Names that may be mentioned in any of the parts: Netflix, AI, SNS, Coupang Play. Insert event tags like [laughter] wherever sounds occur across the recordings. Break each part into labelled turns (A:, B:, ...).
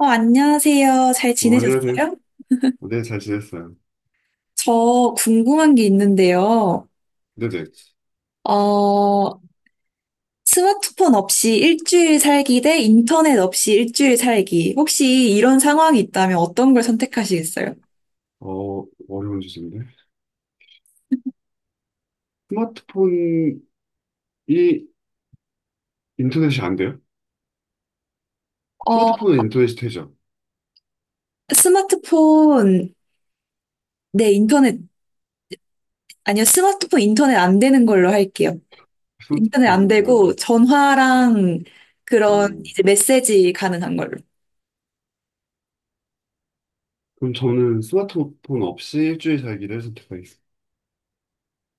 A: 안녕하세요. 잘
B: 어, 안녕하세요.
A: 지내셨어요?
B: 어, 네, 잘 지냈어요.
A: 저 궁금한 게 있는데요.
B: 네네.
A: 어, 스마트폰 없이 일주일 살기 대 인터넷 없이 일주일 살기. 혹시 이런 상황이 있다면 어떤 걸 선택하시겠어요?
B: 어, 어려운 주제인데. 스마트폰이 인터넷이 안 돼요?
A: 어,
B: 스마트폰은 인터넷이 되죠?
A: 스마트폰, 네, 인터넷, 아니요, 스마트폰 인터넷 안 되는 걸로 할게요. 인터넷 안
B: 스마트폰이 안 돼.
A: 되고 전화랑
B: 아,
A: 그런 이제 메시지 가능한 걸로.
B: 그럼 저는 스마트폰 없이 일주일 살기를 선택하겠습니다.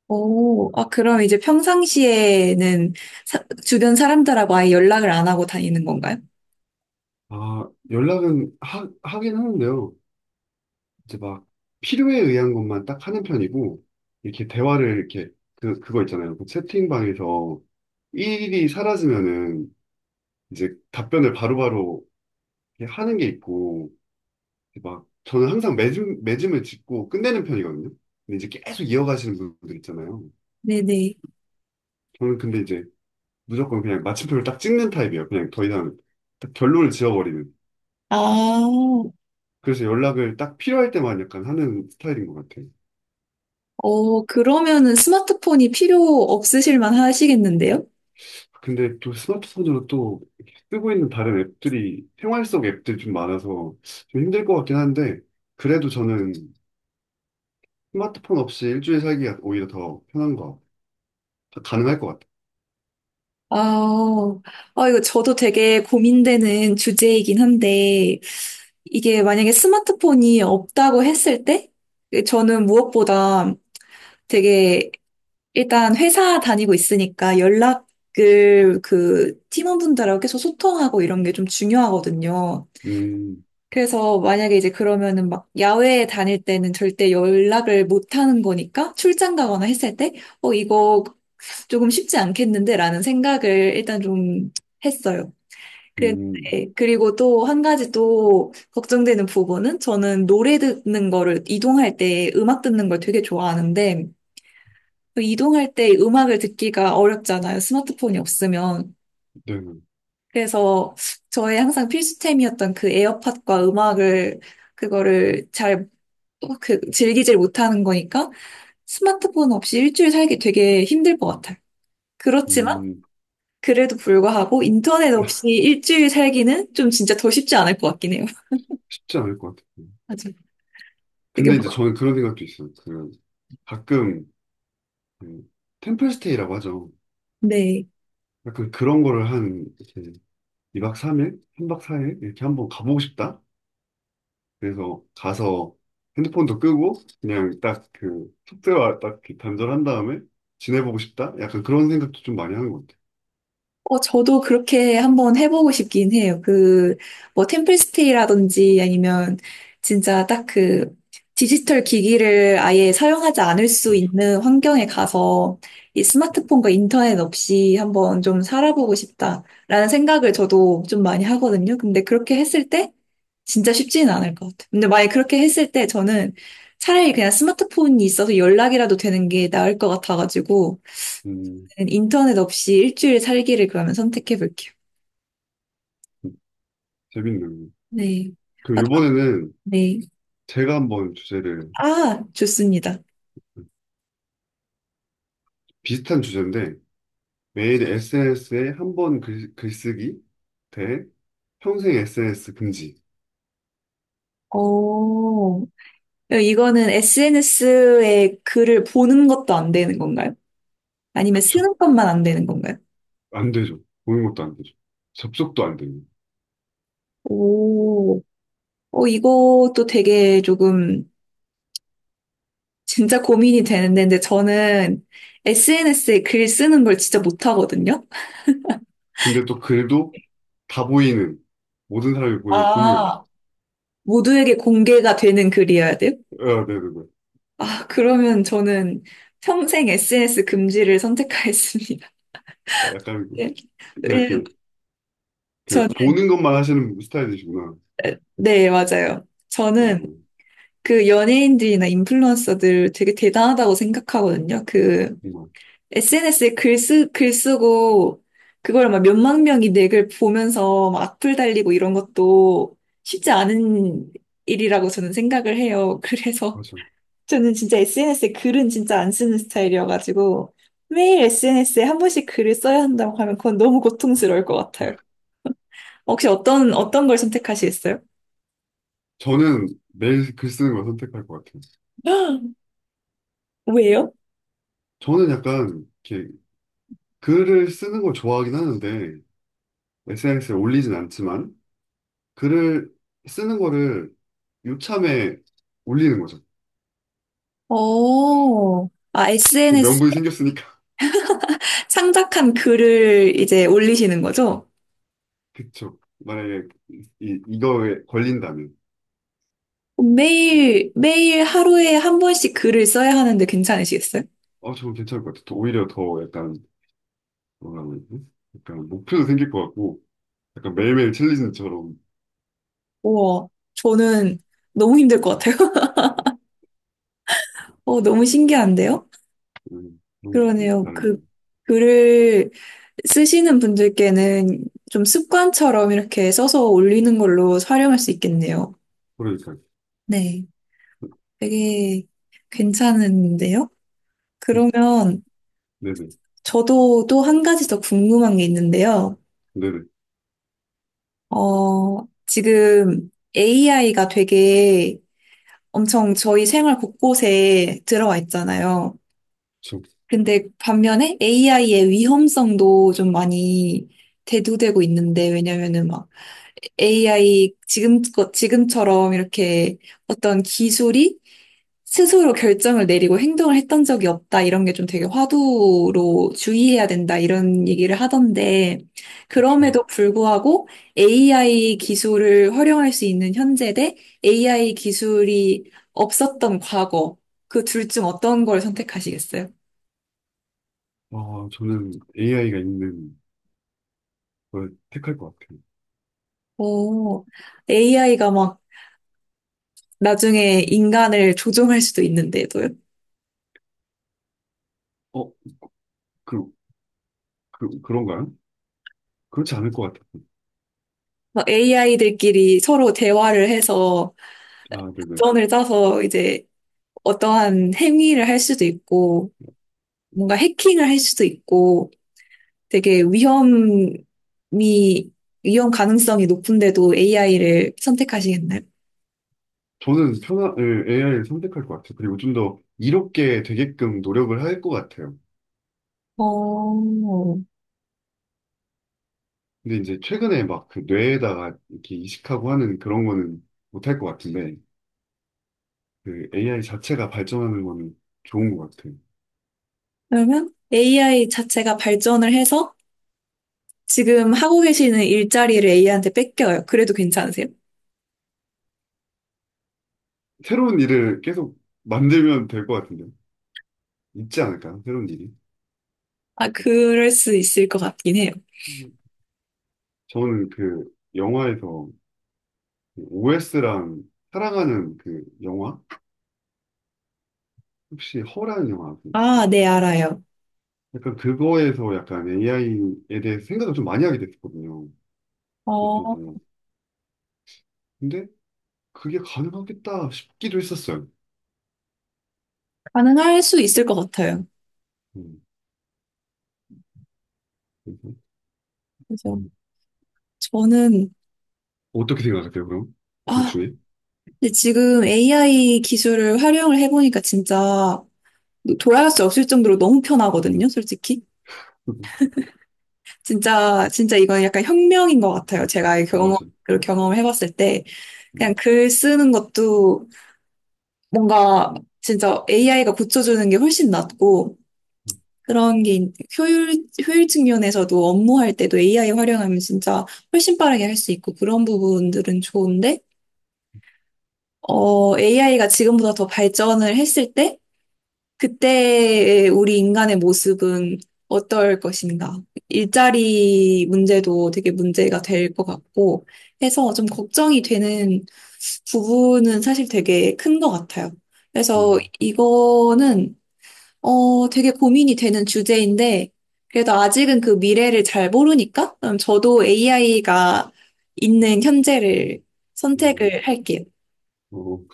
A: 오, 아, 그럼 이제 평상시에는 주변 사람들하고 아예 연락을 안 하고 다니는 건가요?
B: 아, 연락은 하긴 하는데요. 이제 막 필요에 의한 것만 딱 하는 편이고, 이렇게 대화를 이렇게, 그거 있잖아요. 그 채팅방에서 일이 사라지면은 이제 답변을 바로바로 이렇게 하는 게 있고, 막 저는 항상 매짐을 짚고 끝내는 편이거든요. 근데 이제 계속 이어가시는 분들 있잖아요.
A: 네네.
B: 저는 근데 이제 무조건 그냥 마침표를 딱 찍는 타입이에요. 그냥 더 이상 딱 결론을 지어버리는.
A: 아,
B: 그래서 연락을 딱 필요할 때만 약간 하는 스타일인 것 같아요.
A: 그러면은 스마트폰이 필요 없으실만 하시겠는데요?
B: 근데 또 스마트폰으로 또 이렇게 쓰고 있는 다른 앱들이 생활 속 앱들이 좀 많아서 좀 힘들 것 같긴 한데 그래도 저는 스마트폰 없이 일주일 살기가 오히려 더 편한 거 가능할 것 같아요.
A: 아, 아, 이거 저도 되게 고민되는 주제이긴 한데, 이게 만약에 스마트폰이 없다고 했을 때, 저는 무엇보다 되게 일단 회사 다니고 있으니까 연락을 그 팀원분들하고 계속 소통하고 이런 게 좀 중요하거든요.
B: 음,
A: 그래서 만약에 이제 그러면은 막 야외에 다닐 때는 절대 연락을 못 하는 거니까 출장 가거나 했을 때, 이거 조금 쉽지 않겠는데 라는 생각을 일단 좀 했어요. 그랬-
B: 음,
A: 네. 그리고 또 한 가지 또 걱정되는 부분은 저는 노래 듣는 거를 이동할 때 음악 듣는 걸 되게 좋아하는데 그 이동할 때 음악을 듣기가 어렵잖아요. 스마트폰이 없으면.
B: 네.
A: 그래서 저의 항상 필수템이었던 그 에어팟과 음악을, 그거를 잘, 그, 즐기질 못하는 거니까 스마트폰 없이 일주일 살기 되게 힘들 것 같아요. 그렇지만,
B: 음.
A: 그래도 불구하고 인터넷 없이 일주일 살기는 좀 진짜 더 쉽지 않을 것 같긴 해요. [laughs]
B: 쉽지 않을 것 같아요.
A: 맞아요. 되게,
B: 근데 이제 저는 그런 생각도 있어요. 그 가끔 그 템플스테이라고 하죠.
A: 네.
B: 약간 그런 거를 한 이렇게 2박 3일, 3박 4일 이렇게 한번 가보고 싶다. 그래서 가서 핸드폰도 끄고 그냥 딱 그 숙제와 딱 이렇게 단절한 다음에 지내보고 싶다. 약간 그런 생각도 좀 많이 하는 것 같아요.
A: 저도 그렇게 한번 해보고 싶긴 해요. 그, 뭐, 템플스테이라든지 아니면 진짜 딱 그, 디지털 기기를 아예 사용하지 않을 수
B: 맞아.
A: 있는 환경에 가서 이 스마트폰과 인터넷 없이 한번 좀 살아보고 싶다라는 생각을 저도 좀 많이 하거든요. 근데 그렇게 했을 때 진짜 쉽지는 않을 것 같아요. 근데 만약에 그렇게 했을 때 저는 차라리 그냥 스마트폰이 있어서 연락이라도 되는 게 나을 것 같아가지고
B: 음,
A: 인터넷 없이 일주일 살기를 그러면 선택해 볼게요.
B: 재밌네요.
A: 네. 아,
B: 그럼 이번에는
A: 네.
B: 제가 한번 주제를
A: 아, 좋습니다.
B: 비슷한 주제인데 매일 SNS에 한 번 글쓰기 대 평생 SNS 금지.
A: 오. 이거는 SNS에 글을 보는 것도 안 되는 건가요? 아니면
B: 그쵸.
A: 쓰는 것만 안 되는 건가요?
B: 안 되죠. 보는 것도 안 되죠. 접속도 안 되고.
A: 오, 이것도 되게 조금 진짜 고민이 되는데, 근데 저는 SNS에 글 쓰는 걸 진짜 못하거든요.
B: 근데 또 글도 다 보이는 모든 사람이 보는 공유한.
A: 아. 모두에게 공개가 되는 글이어야 돼요?
B: 아, 네, 네, 네.
A: 아, 그러면 저는 평생 SNS 금지를 선택하겠습니다.
B: 아,
A: [laughs]
B: 약간
A: 네.
B: 그냥
A: 왜냐면
B: 이렇게 그
A: 저는,
B: 보는 것만 하시는 스타일이시구나.
A: 네, 맞아요.
B: 어,
A: 저는 그 연예인들이나 인플루언서들 되게 대단하다고 생각하거든요. 그
B: 정말
A: SNS에 글 쓰고 그걸 막 몇만 명이 내 글 보면서 막 악플 달리고 이런 것도 쉽지 않은 일이라고 저는 생각을 해요. [laughs] 그래서
B: 맞아요.
A: 저는 진짜 SNS에 글은 진짜 안 쓰는 스타일이어가지고 매일 SNS에 한 번씩 글을 써야 한다고 하면 그건 너무 고통스러울 것 같아요. 혹시 어떤 어떤 걸 선택하시겠어요?
B: 저는 매일 글 쓰는 걸 선택할 것 같아요.
A: [gasps] 왜요?
B: 저는 약간 이렇게 글을 쓰는 걸 좋아하긴 하는데 SNS에 올리진 않지만 글을 쓰는 거를 요참에 올리는 거죠.
A: 어,
B: 이게
A: SNS
B: 명분이 생겼으니까.
A: 창작한 글을 이제 올리시는 거죠?
B: [laughs] 그쵸. 만약에 이거에 걸린다면.
A: 매일 매일 하루에 한 번씩 글을 써야 하는데 괜찮으시겠어요?
B: 어, 저건 괜찮을 것 같아. 더- 오히려 더 약간, 뭐라 그러지? 약간 목표도 생길 것 같고, 약간 매일매일 챌린지처럼,
A: 우와, 저는 너무 힘들 것 같아요. [laughs] 너무 신기한데요?
B: 그런 게
A: 그러네요. 그
B: 다르고.
A: 글을 쓰시는 분들께는 좀 습관처럼 이렇게 써서 올리는 걸로 활용할 수 있겠네요.
B: 그러니까.
A: 네. 되게 괜찮은데요? 그러면
B: 네네.
A: 저도 또 한 가지 더 궁금한 게 있는데요.
B: 네네.
A: 지금 AI가 되게 엄청 저희 생활 곳곳에 들어와 있잖아요.
B: 저,
A: 근데 반면에 AI의 위험성도 좀 많이 대두되고 있는데, 왜냐면은 막 AI 지금, 지금처럼 이렇게 어떤 기술이 스스로 결정을 내리고 행동을 했던 적이 없다. 이런 게 좀 되게 화두로 주의해야 된다. 이런 얘기를 하던데,
B: 저,
A: 그럼에도 불구하고 AI 기술을 활용할 수 있는 현재 대 AI 기술이 없었던 과거, 그 둘 중 어떤 걸 선택하시겠어요?
B: 아, 저는 AI가 있는 걸 택할 것 같아요.
A: 오, AI가 막 나중에 인간을 조종할 수도 있는데도요.
B: 어, 그, 그런가요? 그렇지 않을 것 같아요.
A: 막 AI들끼리 서로 대화를 해서
B: 아, 네네.
A: 전을 짜서 이제 어떠한 행위를 할 수도 있고, 뭔가 해킹을 할 수도 있고, 되게 위험 가능성이 높은데도 AI를 선택하시겠나요?
B: 저는 편한, 예, AI를 선택할 것 같아요. 그리고 좀 더 이롭게 되게끔 노력을 할 것 같아요.
A: 어,
B: 근데 이제 최근에 막 그 뇌에다가 이렇게 이식하고 하는 그런 거는 못 할 것 같은데, 그 AI 자체가 발전하는 거는 좋은 것 같아요.
A: 그러면 AI 자체가 발전을 해서 지금 하고 계시는 일자리를 AI한테 뺏겨요. 그래도 괜찮으세요?
B: 새로운 일을 계속 만들면 될 것 같은데, 있지 않을까요? 새로운 일이.
A: 아, 그럴 수 있을 것 같긴 해요.
B: 음. 저는 그 영화에서 OS랑 사랑하는 그 영화? 혹시 허라는 영화 아세요?
A: 아, 네, 알아요.
B: 약간 그거에서 약간 AI에 대해서 생각을 좀 많이 하게 됐거든요. 못
A: 어,
B: 보고. 근데 그게 가능하겠다 싶기도 했었어요.
A: 가능할 수 있을 것 같아요.
B: 음. 음.
A: 그서 저는,
B: 어떻게 생각하세요, 그럼? 둘
A: 아,
B: 중에? [laughs]
A: 근데 지금 AI 기술을 활용을 해보니까 진짜 돌아갈 수 없을 정도로 너무 편하거든요, 솔직히.
B: 음.
A: 진짜, 진짜 이건 약간 혁명인 것 같아요. 제가 경험,
B: 맞아.
A: 그 경험을 해봤을 때. 그냥
B: 네.
A: 글 쓰는 것도 뭔가 진짜 AI가 고쳐주는 게 훨씬 낫고, 효율적 면에서도 업무할 때도 AI 활용하면 진짜 훨씬 빠르게 할 수 있고, 그런 부분들은 좋은데, AI가 지금보다 더 발전을 했을 때, 그때의 우리 인간의 모습은 어떨 것인가. 일자리 문제도 되게 문제가 될 것 같고 해서 좀 걱정이 되는 부분은 사실 되게 큰 것 같아요. 그래서
B: 음.
A: 이거는, 되게 고민이 되는 주제인데, 그래도 아직은 그 미래를 잘 모르니까, 그럼 저도 AI가 있는 현재를
B: 어,
A: 선택을 할게요.
B: 어. 어.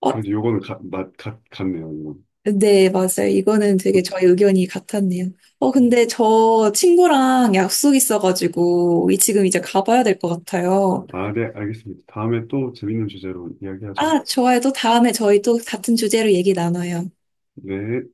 A: 어,
B: 그래도 요거는 같네요, 이건.
A: 네, 맞아요. 이거는 되게 저희 의견이 같았네요.
B: 음.
A: 근데 저 친구랑 약속 있어가지고, 지금 이제 가봐야 될 것 같아요.
B: 아, 네, 알겠습니다. 다음에 또 재밌는 주제로 이야기하죠.
A: 아, 좋아요. 또 다음에 저희 또 같은 주제로 얘기 나눠요.
B: 네.